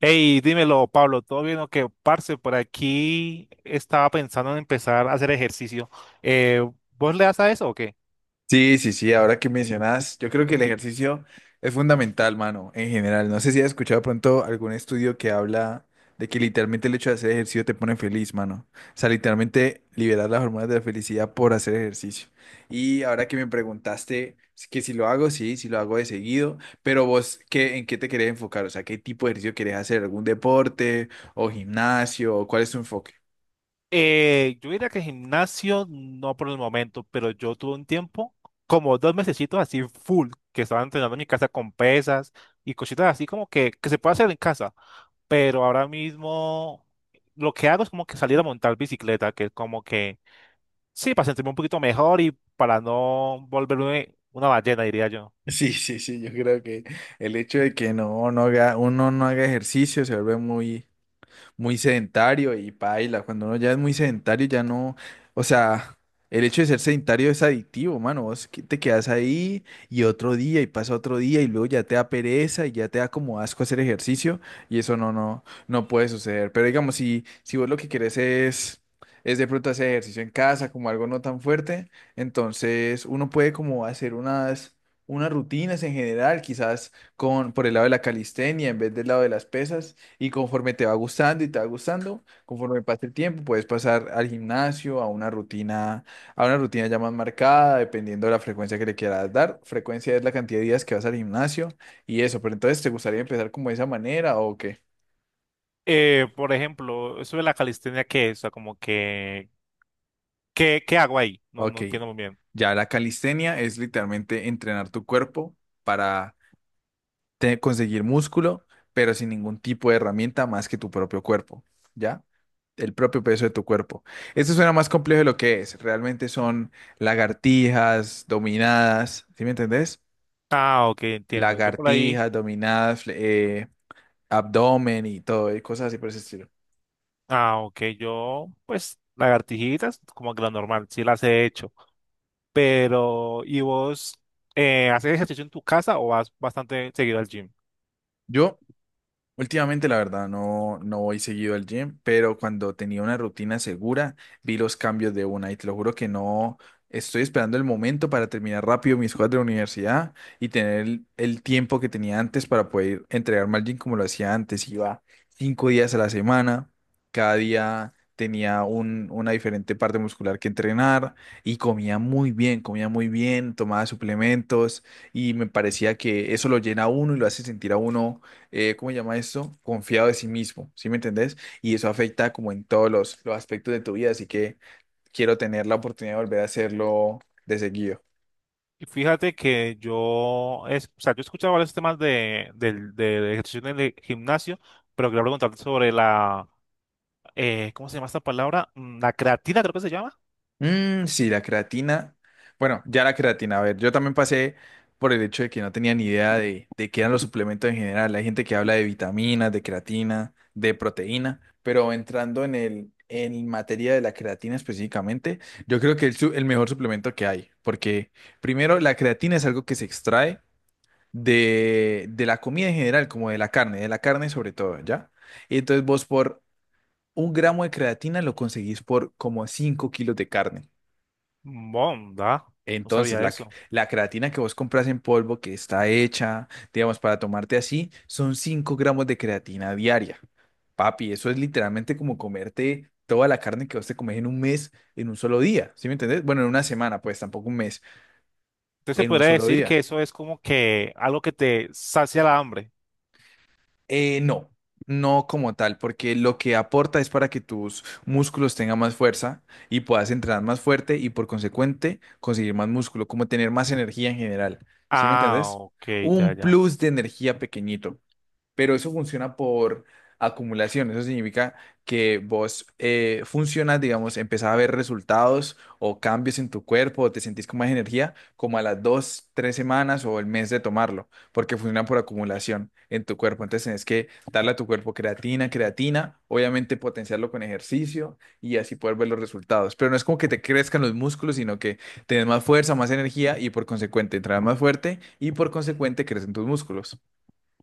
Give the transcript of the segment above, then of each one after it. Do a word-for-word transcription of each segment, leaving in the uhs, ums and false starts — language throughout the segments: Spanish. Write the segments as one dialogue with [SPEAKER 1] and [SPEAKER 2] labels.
[SPEAKER 1] Hey, dímelo, Pablo, ¿todo bien o qué? Parce, por aquí estaba pensando en empezar a hacer ejercicio. Eh, ¿vos le das a eso o qué?
[SPEAKER 2] Sí, sí, sí, ahora que mencionas, yo creo que el ejercicio es fundamental, mano, en general. No sé si has escuchado pronto algún estudio que habla de que literalmente el hecho de hacer ejercicio te pone feliz, mano. O sea, literalmente liberar las hormonas de la felicidad por hacer ejercicio. Y ahora que me preguntaste si- que si lo hago, sí, si lo hago de seguido, pero vos, ¿qué, en qué te querés enfocar? O sea, ¿qué tipo de ejercicio querés hacer? ¿Algún deporte o gimnasio? ¿Cuál es tu enfoque?
[SPEAKER 1] Eh, yo diría que gimnasio no por el momento, pero yo tuve un tiempo, como dos mesecitos así full, que estaba entrenando en mi casa con pesas y cositas así como que, que se puede hacer en casa, pero ahora mismo lo que hago es como que salir a montar bicicleta, que es como que, sí, para sentirme un poquito mejor y para no volverme una ballena, diría yo.
[SPEAKER 2] Sí, sí, sí, yo creo que el hecho de que no, no haga, uno no haga ejercicio se vuelve muy, muy sedentario y paila. Cuando uno ya es muy sedentario, ya no, o sea, el hecho de ser sedentario es adictivo, mano. Vos que- te quedas ahí y otro día y pasa otro día y luego ya te da pereza y ya te da como asco hacer ejercicio y eso no, no, no puede suceder. Pero digamos, si, si vos lo que querés es, es de pronto hacer ejercicio en casa, como algo no tan fuerte, entonces uno puede como hacer unas, unas rutinas en general, quizás con, por el lado de la calistenia en vez del lado de las pesas y conforme te va gustando y te va gustando, conforme pase el tiempo, puedes pasar al gimnasio, a una rutina, a una rutina ya más marcada, dependiendo de la frecuencia que le quieras dar. Frecuencia es la cantidad de días que vas al gimnasio y eso, pero entonces, ¿te gustaría empezar como de esa manera o qué?
[SPEAKER 1] Eh, por ejemplo, eso de la calistenia, ¿qué es? O sea, como que, ¿qué, ¿qué hago ahí? No, no
[SPEAKER 2] Ok.
[SPEAKER 1] entiendo muy bien.
[SPEAKER 2] Ya la calistenia es literalmente entrenar tu cuerpo para te- conseguir músculo, pero sin ningún tipo de herramienta más que tu propio cuerpo, ¿ya? El propio peso de tu cuerpo. Esto suena más complejo de lo que es. Realmente son lagartijas, dominadas, ¿sí me entendés?
[SPEAKER 1] Ah, ok, entiendo. Yo por ahí,
[SPEAKER 2] Lagartijas, dominadas, fle- eh, abdomen y todo, y cosas así por ese estilo.
[SPEAKER 1] ah, ok, yo, pues, lagartijitas, como que lo normal, sí las he hecho. Pero, ¿y vos eh, haces ejercicio en tu casa o vas bastante seguido al gym?
[SPEAKER 2] Yo Últimamente, la verdad, no, no voy seguido al gym, pero cuando tenía una rutina segura, vi los cambios de una y te lo juro que no estoy esperando el momento para terminar rápido mis cosas de la universidad y tener el, el tiempo que tenía antes para poder entregarme al gym como lo hacía antes. Iba cinco días a la semana, cada día tenía un, una diferente parte muscular que entrenar y comía muy bien, comía muy bien, tomaba suplementos y me parecía que eso lo llena a uno y lo hace sentir a uno eh, ¿cómo se llama esto? Confiado de sí mismo, ¿sí me entendés? Y eso afecta como en todos los, los aspectos de tu vida, así que quiero tener la oportunidad de volver a hacerlo de seguido.
[SPEAKER 1] Y fíjate que yo, es, o sea, yo he escuchado varios temas de, del del ejercicio en el gimnasio, pero quería preguntarte sobre la, eh, ¿cómo se llama esta palabra? Mm, La creatina, creo que se llama.
[SPEAKER 2] Mm, sí, la creatina. Bueno, ya la creatina, a ver, yo también pasé por el hecho de que no tenía ni idea de, de qué eran los suplementos en general. Hay gente que habla de vitaminas, de creatina, de proteína, pero entrando en el... En materia de la creatina específicamente, yo creo que es el, su- el mejor suplemento que hay, porque primero la creatina es algo que se extrae de, de la comida en general, como de la carne, de la carne sobre todo, ¿ya? Y entonces vos por un gramo de creatina lo conseguís por como cinco kilos de carne.
[SPEAKER 1] Bonda, no
[SPEAKER 2] Entonces,
[SPEAKER 1] sabía
[SPEAKER 2] la, c-
[SPEAKER 1] eso.
[SPEAKER 2] la creatina que vos compras en polvo, que está hecha, digamos, para tomarte así, son cinco gramos de creatina diaria. Papi, eso es literalmente como comerte toda la carne que vos te comes en un mes, en un solo día, ¿sí me entendés? Bueno, en una semana, pues tampoco un mes,
[SPEAKER 1] Entonces se
[SPEAKER 2] en un
[SPEAKER 1] podría
[SPEAKER 2] solo
[SPEAKER 1] decir que
[SPEAKER 2] día.
[SPEAKER 1] eso es como que algo que te sacia la hambre.
[SPEAKER 2] Eh, no, no como tal, porque lo que aporta es para que tus músculos tengan más fuerza y puedas entrenar más fuerte y por consecuente conseguir más músculo, como tener más energía en general. ¿Sí me
[SPEAKER 1] Ah,
[SPEAKER 2] entendés?
[SPEAKER 1] ok, ya,
[SPEAKER 2] Un
[SPEAKER 1] ya.
[SPEAKER 2] plus de energía pequeñito, pero eso funciona por acumulación. Eso significa que vos eh, funcionas, digamos, empezás a ver resultados o cambios en tu cuerpo o te sentís con más energía como a las dos, tres semanas o el mes de tomarlo, porque funciona por acumulación en tu cuerpo. Entonces tenés que darle a tu cuerpo creatina, creatina, obviamente potenciarlo con ejercicio y así poder ver los resultados. Pero no es como que te crezcan los músculos, sino que tenés más fuerza, más energía y por consecuente entras más fuerte y por consecuente crecen tus músculos.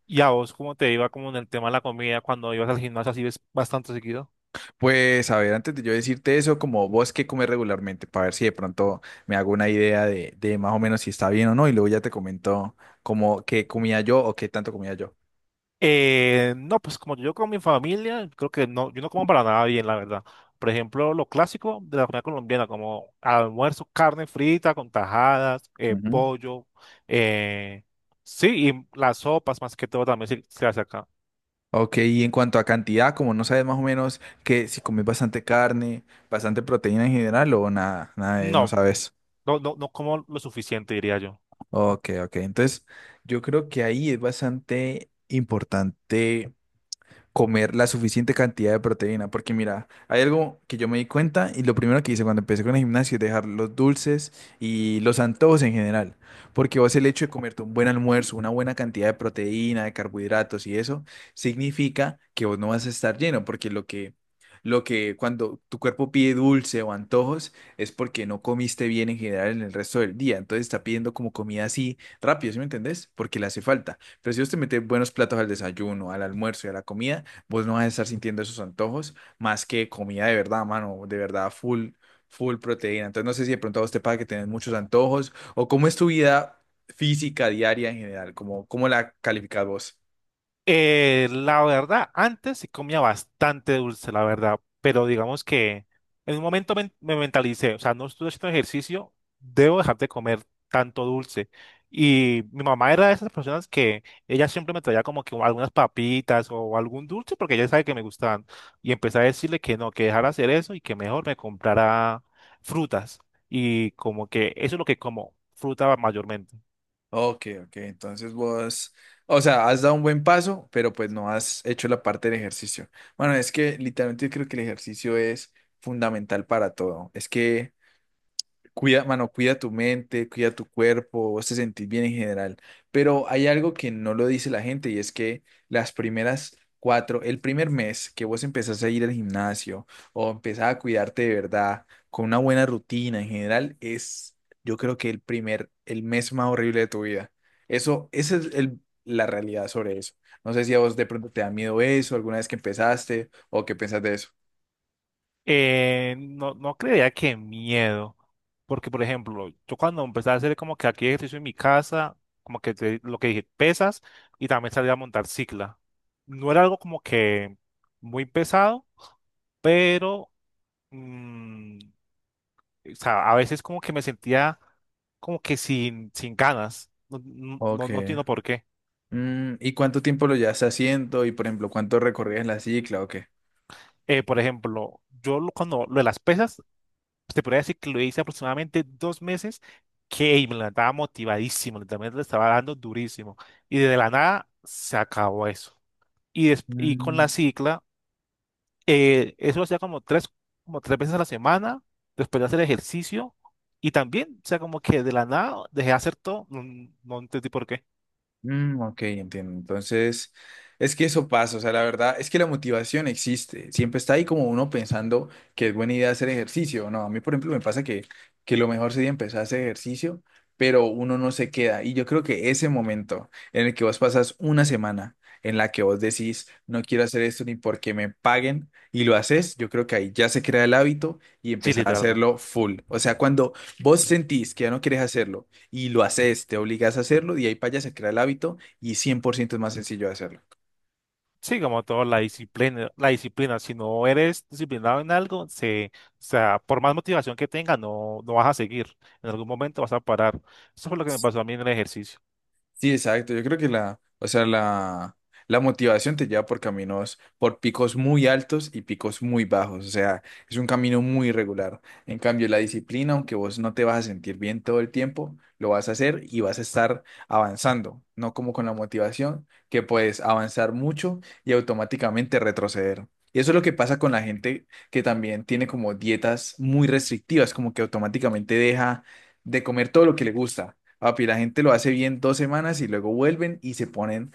[SPEAKER 1] ¿Y a vos cómo te iba como en el tema de la comida cuando ibas al gimnasio así ves bastante seguido?
[SPEAKER 2] Pues a ver, antes de yo decirte eso, como vos qué comes regularmente, para ver si de pronto me hago una idea de, de más o menos si está bien o no, y luego ya te comento como qué comía yo o qué tanto comía yo.
[SPEAKER 1] Eh, no, pues como yo con mi familia, creo que no, yo no como para nada bien, la verdad. Por ejemplo, lo clásico de la comida colombiana, como almuerzo, carne frita con tajadas, eh,
[SPEAKER 2] Ujú.
[SPEAKER 1] pollo, eh, sí, y las sopas más que todo también se, se hace acá.
[SPEAKER 2] Ok, y en cuanto a cantidad, como no sabes más o menos que si comes bastante carne, bastante proteína en general o nada, nada, de- no
[SPEAKER 1] No,
[SPEAKER 2] sabes.
[SPEAKER 1] no, no, no como lo suficiente, diría yo.
[SPEAKER 2] Ok, ok, entonces yo creo que ahí es bastante importante comer la suficiente cantidad de proteína. Porque mira, hay algo que yo me di cuenta y lo primero que hice cuando empecé con el gimnasio es dejar los dulces y los antojos en general. Porque vos el hecho de comerte un buen almuerzo, una buena cantidad de proteína, de carbohidratos y eso, significa que vos no vas a estar lleno. Porque lo que, lo que cuando tu cuerpo pide dulce o antojos es porque no comiste bien en general en el resto del día. Entonces está pidiendo como comida así rápido, ¿sí me entendés? Porque le hace falta. Pero si vos te metes buenos platos al desayuno, al almuerzo y a la comida, vos no vas a estar sintiendo esos antojos más que comida de verdad, mano, de verdad, full, full proteína. Entonces, no sé si de pronto a vos te pasa que tenés muchos antojos o cómo es tu vida física diaria en general, cómo, cómo la calificas vos.
[SPEAKER 1] Eh, la verdad, antes sí comía bastante dulce, la verdad, pero digamos que en un momento men- me mentalicé, o sea, no estoy haciendo ejercicio, debo dejar de comer tanto dulce. Y mi mamá era de esas personas que ella siempre me traía como que algunas papitas o algún dulce porque ella sabe que me gustaban. Y empecé a decirle que no, que dejara hacer eso y que mejor me comprara frutas. Y como que eso es lo que como, fruta mayormente.
[SPEAKER 2] Ok, ok, entonces vos, o sea, has dado un buen paso, pero pues no has hecho la parte del ejercicio. Bueno, es que literalmente yo creo que el ejercicio es fundamental para todo. Es que cuida, mano, cuida tu mente, cuida tu cuerpo, vos te sentís bien en general. Pero hay algo que no lo dice la gente y es que las primeras cuatro, el primer mes que vos empezás a ir al gimnasio o empezás a cuidarte de verdad con una buena rutina en general, es yo creo que el primer, el mes más horrible de tu vida. Eso, esa es el- la realidad sobre eso. No sé si a vos de pronto te da miedo eso, alguna vez que empezaste o qué pensás de eso.
[SPEAKER 1] Eh, no, no creía que miedo, porque por ejemplo, yo cuando empecé a hacer como que aquí ejercicio en mi casa, como que te- lo que dije, pesas, y también salí a montar cicla. No era algo como que muy pesado, pero mm, o sea, a veces como que me sentía como que sin, sin ganas. No, no, no
[SPEAKER 2] Ok.
[SPEAKER 1] no entiendo por qué.
[SPEAKER 2] Mm, ¿y cuánto tiempo lo llevas haciendo? Y por ejemplo, ¿cuánto recorrías la cicla o qué?
[SPEAKER 1] Eh, por ejemplo, yo lo- cuando lo de las pesas pues, te podría decir que lo hice aproximadamente dos meses, que me levantaba motivadísimo, literalmente le estaba dando durísimo. Y de la nada se acabó eso. Y, des- y con la
[SPEAKER 2] Mm.
[SPEAKER 1] cicla, eh, eso lo hacía como tres, como tres veces a la semana, después de hacer ejercicio. Y también, o sea, como que de la nada dejé de hacer todo, no, no entendí por qué.
[SPEAKER 2] Mm, ok, entiendo. Entonces, es que eso pasa, o sea, la verdad es que la motivación existe, siempre está ahí como uno pensando que es buena idea hacer ejercicio, ¿no? A mí, por ejemplo, me pasa que, que lo mejor sería empezar a hacer ejercicio, pero uno no se queda. Y yo creo que ese momento en el que vos pasas una semana en la que vos decís, no quiero hacer esto ni porque me paguen, y lo haces, yo creo que ahí ya se crea el hábito y
[SPEAKER 1] Sí,
[SPEAKER 2] empezás a
[SPEAKER 1] literalmente.
[SPEAKER 2] hacerlo full. O sea, cuando vos sentís que ya no quieres hacerlo, y lo haces, te obligas a hacerlo, de ahí para allá se crea el hábito y cien por ciento es más sencillo de hacerlo.
[SPEAKER 1] Sí, como todo, la disciplina, la disciplina, si no eres disciplinado en algo, se, o sea, por más motivación que tengas, no, no vas a seguir. En algún momento vas a parar. Eso fue lo que me pasó a mí en el ejercicio.
[SPEAKER 2] Sí, exacto. Yo creo que la, o sea, la, la motivación te lleva por caminos, por picos muy altos y picos muy bajos. O sea, es un camino muy irregular. En cambio, la disciplina, aunque vos no te vas a sentir bien todo el tiempo, lo vas a hacer y vas a estar avanzando. No como con la motivación, que puedes avanzar mucho y automáticamente retroceder. Y eso es lo que pasa con la gente que también tiene como dietas muy restrictivas, como que automáticamente deja de comer todo lo que le gusta. Papi, la gente lo hace bien dos semanas y luego vuelven y se ponen,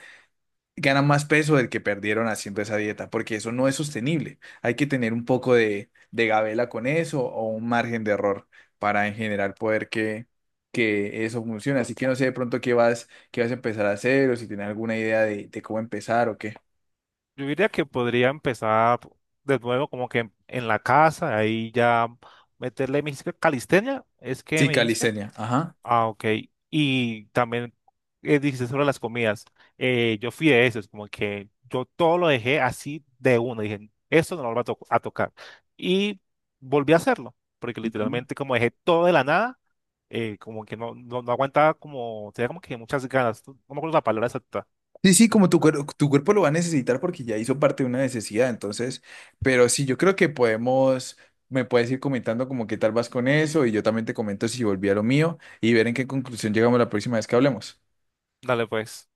[SPEAKER 2] ganan más peso del que perdieron haciendo esa dieta, porque eso no es sostenible. Hay que tener un poco de, de gabela con eso o un margen de error para en general poder que, que eso funcione. Así que no sé de pronto qué vas, qué vas a empezar a hacer o si tienes alguna idea de, de cómo empezar o qué.
[SPEAKER 1] Yo diría que podría empezar de nuevo como que en, en la casa, ahí ya meterle, me dijiste calistenia, ¿es que
[SPEAKER 2] Sí,
[SPEAKER 1] me dijiste?
[SPEAKER 2] calistenia. Ajá.
[SPEAKER 1] Ah, ok. Y también eh, dijiste sobre las comidas. Eh, yo fui de esos, como que yo todo lo dejé así de una. Dije, esto no lo voy a, to- a tocar. Y volví a hacerlo, porque literalmente como dejé todo de la nada, eh, como que no, no, no aguantaba como, tenía como que muchas ganas. No me acuerdo la palabra exacta.
[SPEAKER 2] Sí, sí,
[SPEAKER 1] Pues,
[SPEAKER 2] como tu, cuer- tu cuerpo lo va a necesitar porque ya hizo parte de una necesidad, entonces, pero sí, yo creo que podemos, me puedes ir comentando como qué tal vas con eso y yo también te comento si volví a lo mío y ver en qué conclusión llegamos la próxima vez que hablemos.
[SPEAKER 1] dale pues.